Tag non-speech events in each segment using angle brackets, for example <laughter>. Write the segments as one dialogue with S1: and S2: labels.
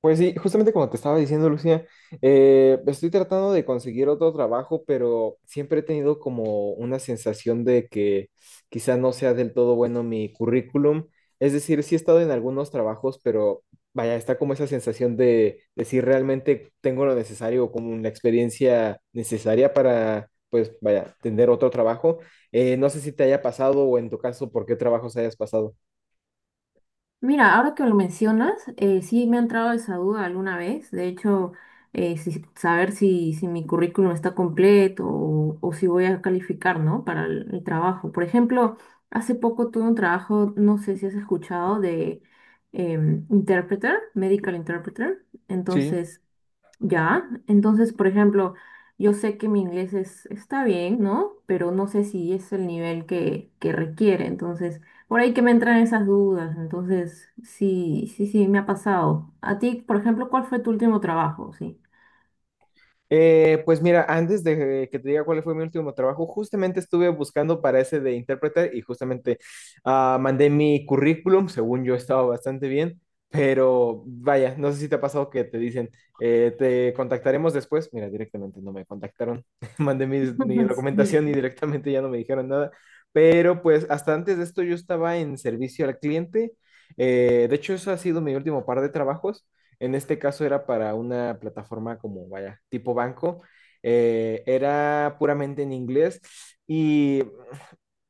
S1: Pues sí, justamente como te estaba diciendo, Lucía, estoy tratando de conseguir otro trabajo, pero siempre he tenido como una sensación de que quizá no sea del todo bueno mi currículum. Es decir, sí he estado en algunos trabajos, pero vaya, está como esa sensación de si realmente tengo lo necesario o como la experiencia necesaria para, pues vaya, tener otro trabajo. No sé si te haya pasado o en tu caso, por qué trabajos hayas pasado.
S2: Mira, ahora que lo mencionas, sí me ha entrado esa duda alguna vez. De hecho, saber si mi currículum está completo o si voy a calificar, ¿no? Para el trabajo. Por ejemplo, hace poco tuve un trabajo, no sé si has escuchado, de interpreter, medical interpreter.
S1: Sí.
S2: Entonces, ya, entonces, por ejemplo, yo sé que mi inglés está bien, ¿no? Pero no sé si es el nivel que requiere. Entonces, por ahí que me entran esas dudas. Entonces, sí, sí, sí, me ha pasado. A ti, por ejemplo, ¿cuál fue tu último trabajo? Sí.
S1: Pues mira, antes de que te diga cuál fue mi último trabajo, justamente estuve buscando para ese de intérprete y justamente mandé mi currículum, según yo estaba bastante bien, pero vaya, no sé si te ha pasado que te dicen, te contactaremos después. Mira, directamente no me contactaron, <laughs> mandé mi
S2: <laughs> Sí.
S1: documentación y directamente ya no me dijeron nada, pero pues hasta antes de esto yo estaba en servicio al cliente. De hecho, eso ha sido mi último par de trabajos. En este caso era para una plataforma como, vaya, tipo banco. Era puramente en inglés y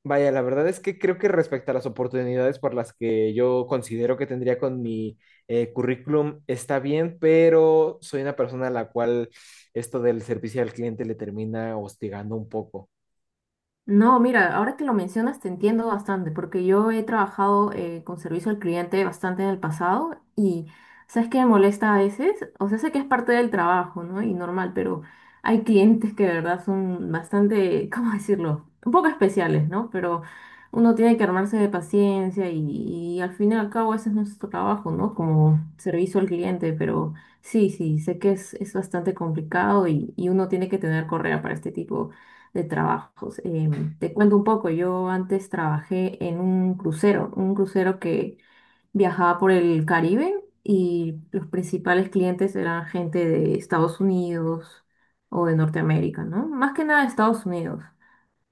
S1: vaya, la verdad es que creo que respecto a las oportunidades por las que yo considero que tendría con mi currículum está bien, pero soy una persona a la cual esto del servicio al cliente le termina hostigando un poco.
S2: No, mira, ahora que lo mencionas te entiendo bastante, porque yo he trabajado con servicio al cliente bastante en el pasado y sabes que me molesta a veces, o sea, sé que es parte del trabajo, ¿no? Y normal, pero hay clientes que de verdad son bastante, <laughs> ¿cómo decirlo? Un poco especiales, ¿no? Pero uno tiene que armarse de paciencia y al fin y al cabo ese es nuestro trabajo, ¿no? Como servicio al cliente, pero sí, sí, sé que es bastante complicado y uno tiene que tener correa para este tipo de trabajos. Te cuento un poco, yo antes trabajé en un crucero que viajaba por el Caribe y los principales clientes eran gente de Estados Unidos o de Norteamérica, ¿no? Más que nada de Estados Unidos.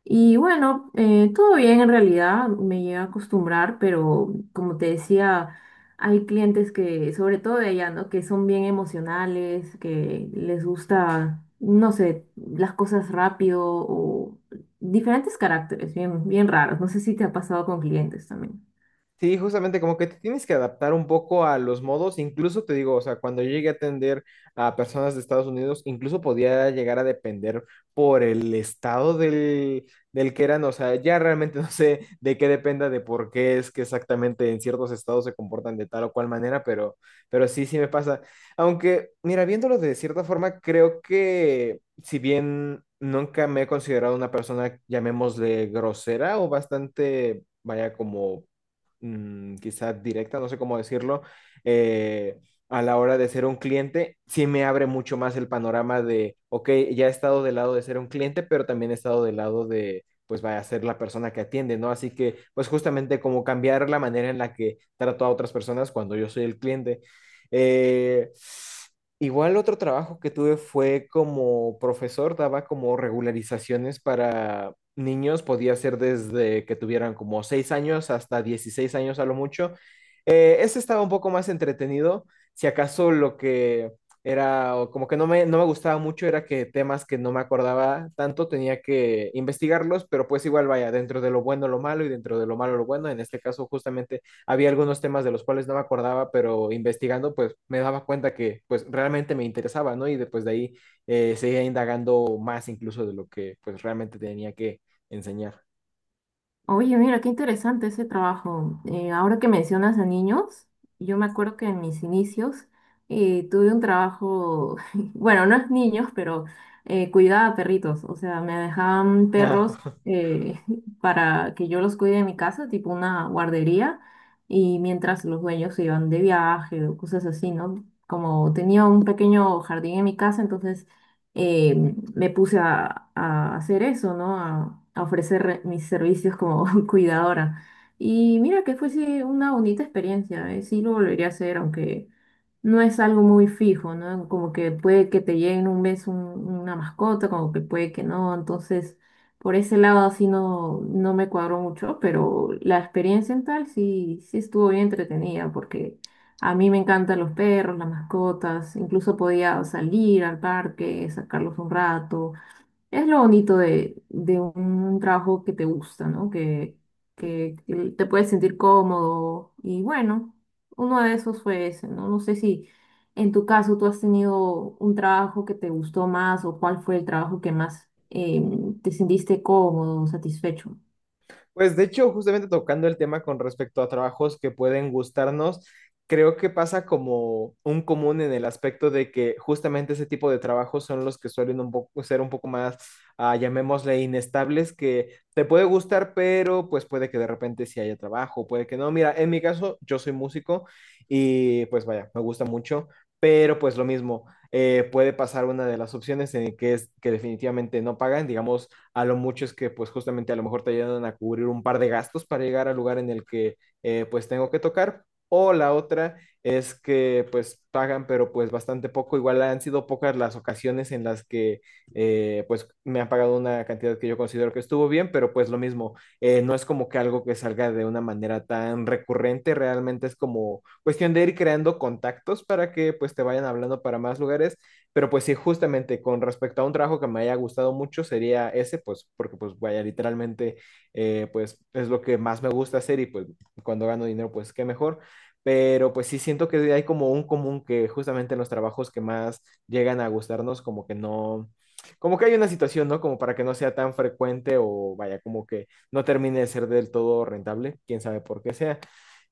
S2: Y bueno, todo bien en realidad, me llega a acostumbrar, pero como te decía, hay clientes que, sobre todo de allá, ¿no? Que son bien emocionales, que les gusta, no sé, las cosas rápido o diferentes caracteres, bien, bien raros. No sé si te ha pasado con clientes también.
S1: Sí, justamente como que te tienes que adaptar un poco a los modos, incluso te digo, o sea, cuando yo llegué a atender a personas de Estados Unidos, incluso podía llegar a depender por el estado del que eran, o sea, ya realmente <laughs> no sé de qué dependa de por qué es que exactamente en ciertos estados se comportan de tal o cual manera, pero sí, sí me pasa. Aunque, mira, viéndolo de cierta forma, creo que si bien nunca me he considerado una persona, llamémosle grosera o bastante, vaya, como quizás directa, no sé cómo decirlo, eh, a la hora de ser un cliente, sí me abre mucho más el panorama de, ok, ya he estado del lado de ser un cliente, pero también he estado del lado de, pues vaya a ser la persona que atiende, ¿no? Así que, pues justamente como cambiar la manera en la que trato a otras personas cuando yo soy el cliente. Eh, Igual otro trabajo que tuve fue como profesor, daba como regularizaciones para niños, podía ser desde que tuvieran como 6 años hasta 16 años a lo mucho. Ese estaba un poco más entretenido, si acaso lo que era o como que no me gustaba mucho era que temas que no me acordaba tanto tenía que investigarlos, pero pues igual vaya, dentro de lo bueno lo malo y dentro de lo malo lo bueno, en este caso justamente había algunos temas de los cuales no me acordaba, pero investigando pues me daba cuenta que pues realmente me interesaba, ¿no? Y después de ahí seguía indagando más incluso de lo que pues realmente tenía que enseñar.
S2: Oye, mira, qué interesante ese trabajo. Ahora que mencionas a niños, yo me acuerdo que en mis inicios tuve un trabajo, <laughs> bueno, no es niños, pero cuidaba a perritos. O sea, me dejaban perros
S1: <laughs>
S2: eh, <laughs> para que yo los cuide en mi casa, tipo una guardería, y mientras los dueños se iban de viaje o cosas así, ¿no? Como tenía un pequeño jardín en mi casa, entonces eh, me puse a hacer eso, ¿no? A ofrecer mis servicios como <laughs> cuidadora. Y mira que fue sí, una bonita experiencia, ¿eh? Sí lo volvería a hacer, aunque no es algo muy fijo, ¿no? Como que puede que te llegue en un mes una mascota, como que puede que no. Entonces, por ese lado así no, no me cuadró mucho, pero la experiencia en tal sí, sí estuvo bien entretenida porque a mí me encantan los perros, las mascotas, incluso podía salir al parque, sacarlos un rato es lo bonito de un trabajo que te gusta, ¿no? Que, que te puedes sentir cómodo. Y bueno, uno de esos fue ese, ¿no? No sé si en tu caso tú has tenido un trabajo que te gustó más o cuál fue el trabajo que más te sentiste cómodo, satisfecho.
S1: Pues de hecho, justamente tocando el tema con respecto a trabajos que pueden gustarnos, creo que pasa como un común en el aspecto de que justamente ese tipo de trabajos son los que suelen un poco, ser un poco más, llamémosle, inestables, que te puede gustar, pero pues puede que de repente sí haya trabajo, puede que no. Mira, en mi caso, yo soy músico y pues vaya, me gusta mucho, pero pues lo mismo, puede pasar una de las opciones en que es que definitivamente no pagan, digamos. A lo mucho es que pues justamente a lo mejor te ayudan a cubrir un par de gastos para llegar al lugar en el que pues tengo que tocar. O la otra es que pues pagan, pero pues bastante poco. Igual han sido pocas las ocasiones en las que pues me han pagado una cantidad que yo considero que estuvo bien, pero pues lo mismo, no es como que algo que salga de una manera tan recurrente, realmente es como cuestión de ir creando contactos para que pues te vayan hablando para más lugares, pero pues sí, justamente con respecto a un trabajo que me haya gustado mucho sería ese, pues porque pues vaya, literalmente, pues es lo que más me gusta hacer y pues cuando gano dinero, pues qué mejor. Pero pues sí siento que hay como un común que justamente en los trabajos que más llegan a gustarnos como que no, como que hay una situación, ¿no? Como para que no sea tan frecuente o vaya, como que no termine de ser del todo rentable, quién sabe por qué sea.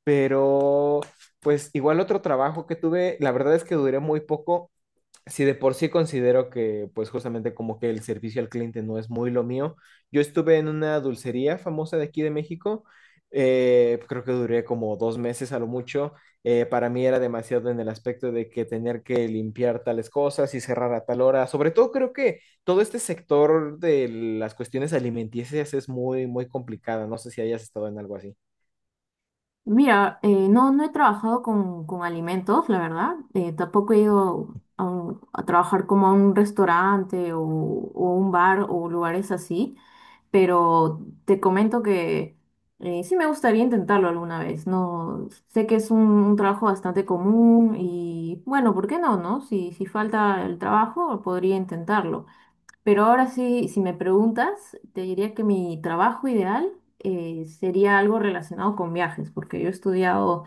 S1: Pero pues igual otro trabajo que tuve, la verdad es que duré muy poco, si de por sí considero que, pues justamente como que el servicio al cliente no es muy lo mío, yo estuve en una dulcería famosa de aquí de México, creo que duré como 2 meses a lo mucho, para mí era demasiado en el aspecto de que tener que limpiar tales cosas y cerrar a tal hora, sobre todo creo que todo este sector de las cuestiones alimenticias es muy, muy complicada, no sé si hayas estado en algo así.
S2: Mira, no, no he trabajado con alimentos, la verdad. Tampoco he ido a, a trabajar como a un restaurante o un bar o lugares así. Pero te comento que sí me gustaría intentarlo alguna vez, ¿no? Sé que es un trabajo bastante común y bueno, ¿por qué no, no? Si falta el trabajo, podría intentarlo. Pero ahora sí, si me preguntas, te diría que mi trabajo ideal sería algo relacionado con viajes, porque yo he estudiado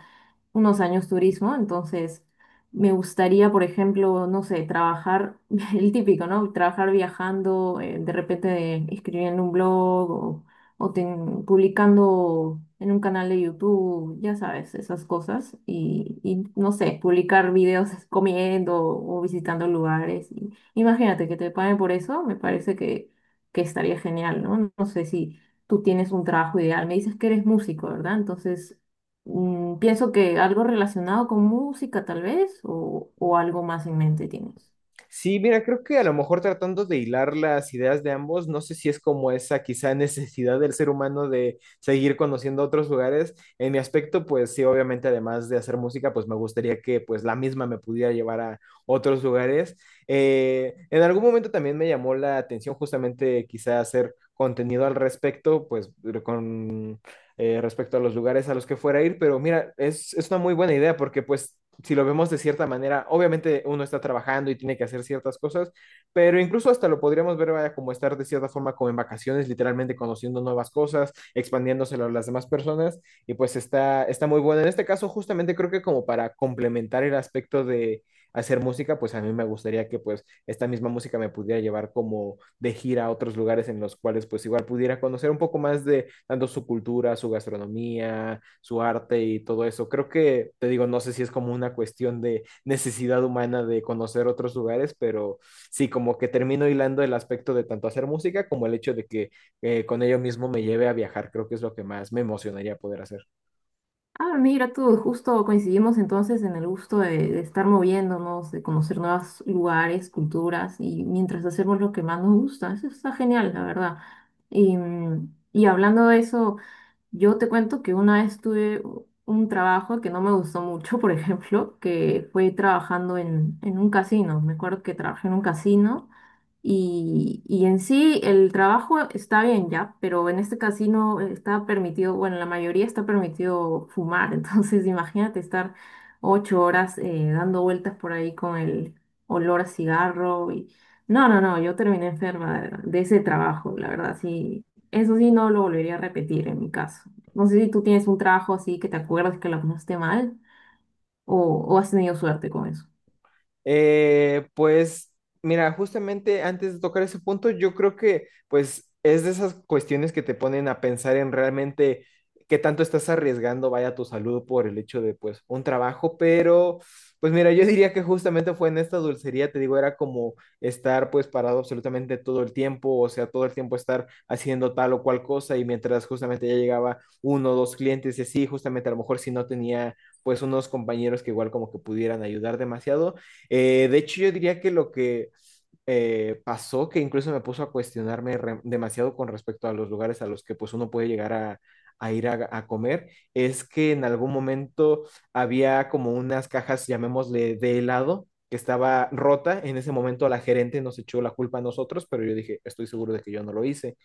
S2: unos años turismo, entonces me gustaría, por ejemplo, no sé, trabajar, <laughs> el típico, ¿no? Trabajar viajando, de repente escribiendo un blog o, publicando en un canal de YouTube, ya sabes, esas cosas, y, no sé, publicar videos <laughs> comiendo o visitando lugares. Y, imagínate que te paguen por eso, me parece que estaría genial, ¿no? No sé si tú tienes un trabajo ideal, me dices que eres músico, ¿verdad? Entonces... Mm, pienso que algo relacionado con música, tal vez, o algo más en mente tienes.
S1: Sí, mira, creo que a lo mejor tratando de hilar las ideas de ambos, no sé si es como esa quizá <laughs> necesidad del ser humano de seguir conociendo otros lugares. En mi aspecto, pues sí, obviamente además de hacer música, pues me gustaría que pues la misma me pudiera llevar a otros lugares. En algún momento también me llamó la atención justamente quizá hacer contenido al respecto, pues con respecto a los lugares a los que fuera a ir, pero mira, es una muy buena idea porque pues si lo vemos de cierta manera, obviamente uno está trabajando y tiene que hacer ciertas cosas, pero incluso hasta lo podríamos ver vaya, como estar de cierta forma como en vacaciones, literalmente conociendo nuevas cosas, expandiéndoselo a las demás personas, y pues está muy bueno. En este caso, justamente creo que como para complementar el aspecto de hacer música, pues a mí me gustaría que pues esta misma música me pudiera llevar como de gira a otros lugares en los cuales pues igual pudiera conocer un poco más de tanto su cultura, su gastronomía, su arte y todo eso. Creo que, te digo, no sé si es como una cuestión de necesidad humana de conocer otros lugares, pero sí, como que termino hilando el aspecto de tanto hacer música como el hecho de que con ello mismo me lleve a viajar. Creo que es lo que más me emocionaría poder hacer.
S2: Ah, mira tú, justo coincidimos entonces en el gusto de estar moviéndonos, de conocer nuevos lugares, culturas, y mientras hacemos lo que más nos gusta. Eso está genial, la verdad. Y, mm, y hablando de eso. Yo te cuento que una vez tuve un trabajo que no me gustó mucho, <laughs> por ejemplo, que fue trabajando en un casino. Me acuerdo que trabajé en un casino y en sí el trabajo está bien ya, pero en este casino está permitido, bueno, en la mayoría está permitido fumar. <laughs> Entonces, imagínate estar 8 horas dando vueltas por ahí con el olor a cigarro y... No, no, no, yo terminé enferma de ese trabajo, la verdad, sí eso sí, no lo volvería a repetir en mi caso. No sé si tú tienes un trabajo así que te acuerdas que la pasaste mal o, o has tenido suerte con eso.
S1: Pues mira, justamente antes de tocar ese punto, yo creo que pues es de esas cuestiones que te ponen a pensar en realmente qué tanto estás arriesgando, vaya tu salud por el hecho de pues un trabajo, pero pues mira, yo diría que justamente fue en esta dulcería, te digo, era como estar pues parado absolutamente todo el tiempo, o sea, todo el tiempo estar haciendo tal o cual cosa y mientras justamente ya llegaba uno o dos clientes y así, justamente a lo mejor si no tenía pues unos compañeros que igual como que pudieran ayudar demasiado, de hecho, yo diría que lo que pasó, que incluso me puso a cuestionarme demasiado con respecto a los lugares a los que pues uno puede llegar a ir a comer, es que en algún momento había como unas cajas, llamémosle, de helado que estaba rota. En ese momento la gerente nos echó la culpa a nosotros, pero yo dije, estoy seguro de que yo no lo hice.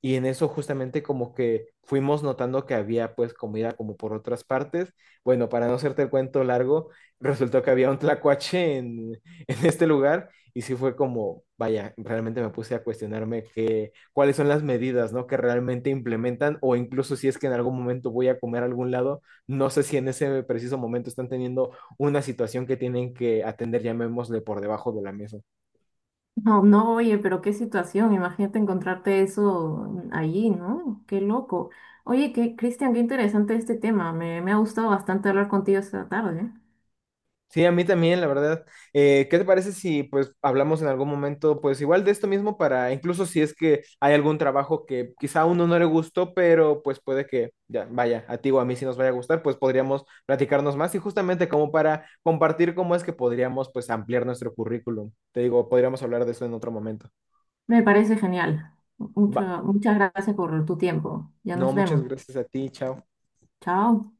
S1: Y en eso justamente como que fuimos notando que había pues comida como por otras partes. Bueno, para no hacerte el cuento largo, resultó que había un tlacuache <laughs> en este lugar y sí fue como, vaya, realmente me puse a cuestionarme que, cuáles son las medidas, ¿no? Que realmente implementan o incluso si es que en algún momento voy a comer a algún lado, no sé si en ese preciso momento están teniendo una situación que tienen que atender, llamémosle, por debajo de la mesa.
S2: No, no, oye, pero qué situación. Imagínate encontrarte eso allí, ¿no? Qué loco. Oye, qué, Cristian, qué interesante este tema. Me ha gustado bastante hablar contigo esta tarde, ¿eh?
S1: Sí, a mí también, la verdad. ¿Qué te parece si pues hablamos en algún momento pues igual de esto mismo para incluso si es que hay algún trabajo que quizá a uno no le gustó, pero pues puede que ya vaya, a ti o a mí si nos vaya a gustar, pues podríamos platicarnos más y justamente como para compartir cómo es que podríamos pues ampliar nuestro currículum. Te digo, podríamos hablar de eso en otro momento.
S2: Me parece genial.
S1: Va.
S2: Muchas gracias por tu tiempo. Ya
S1: No,
S2: nos
S1: muchas
S2: vemos.
S1: gracias a ti, chao.
S2: Chao.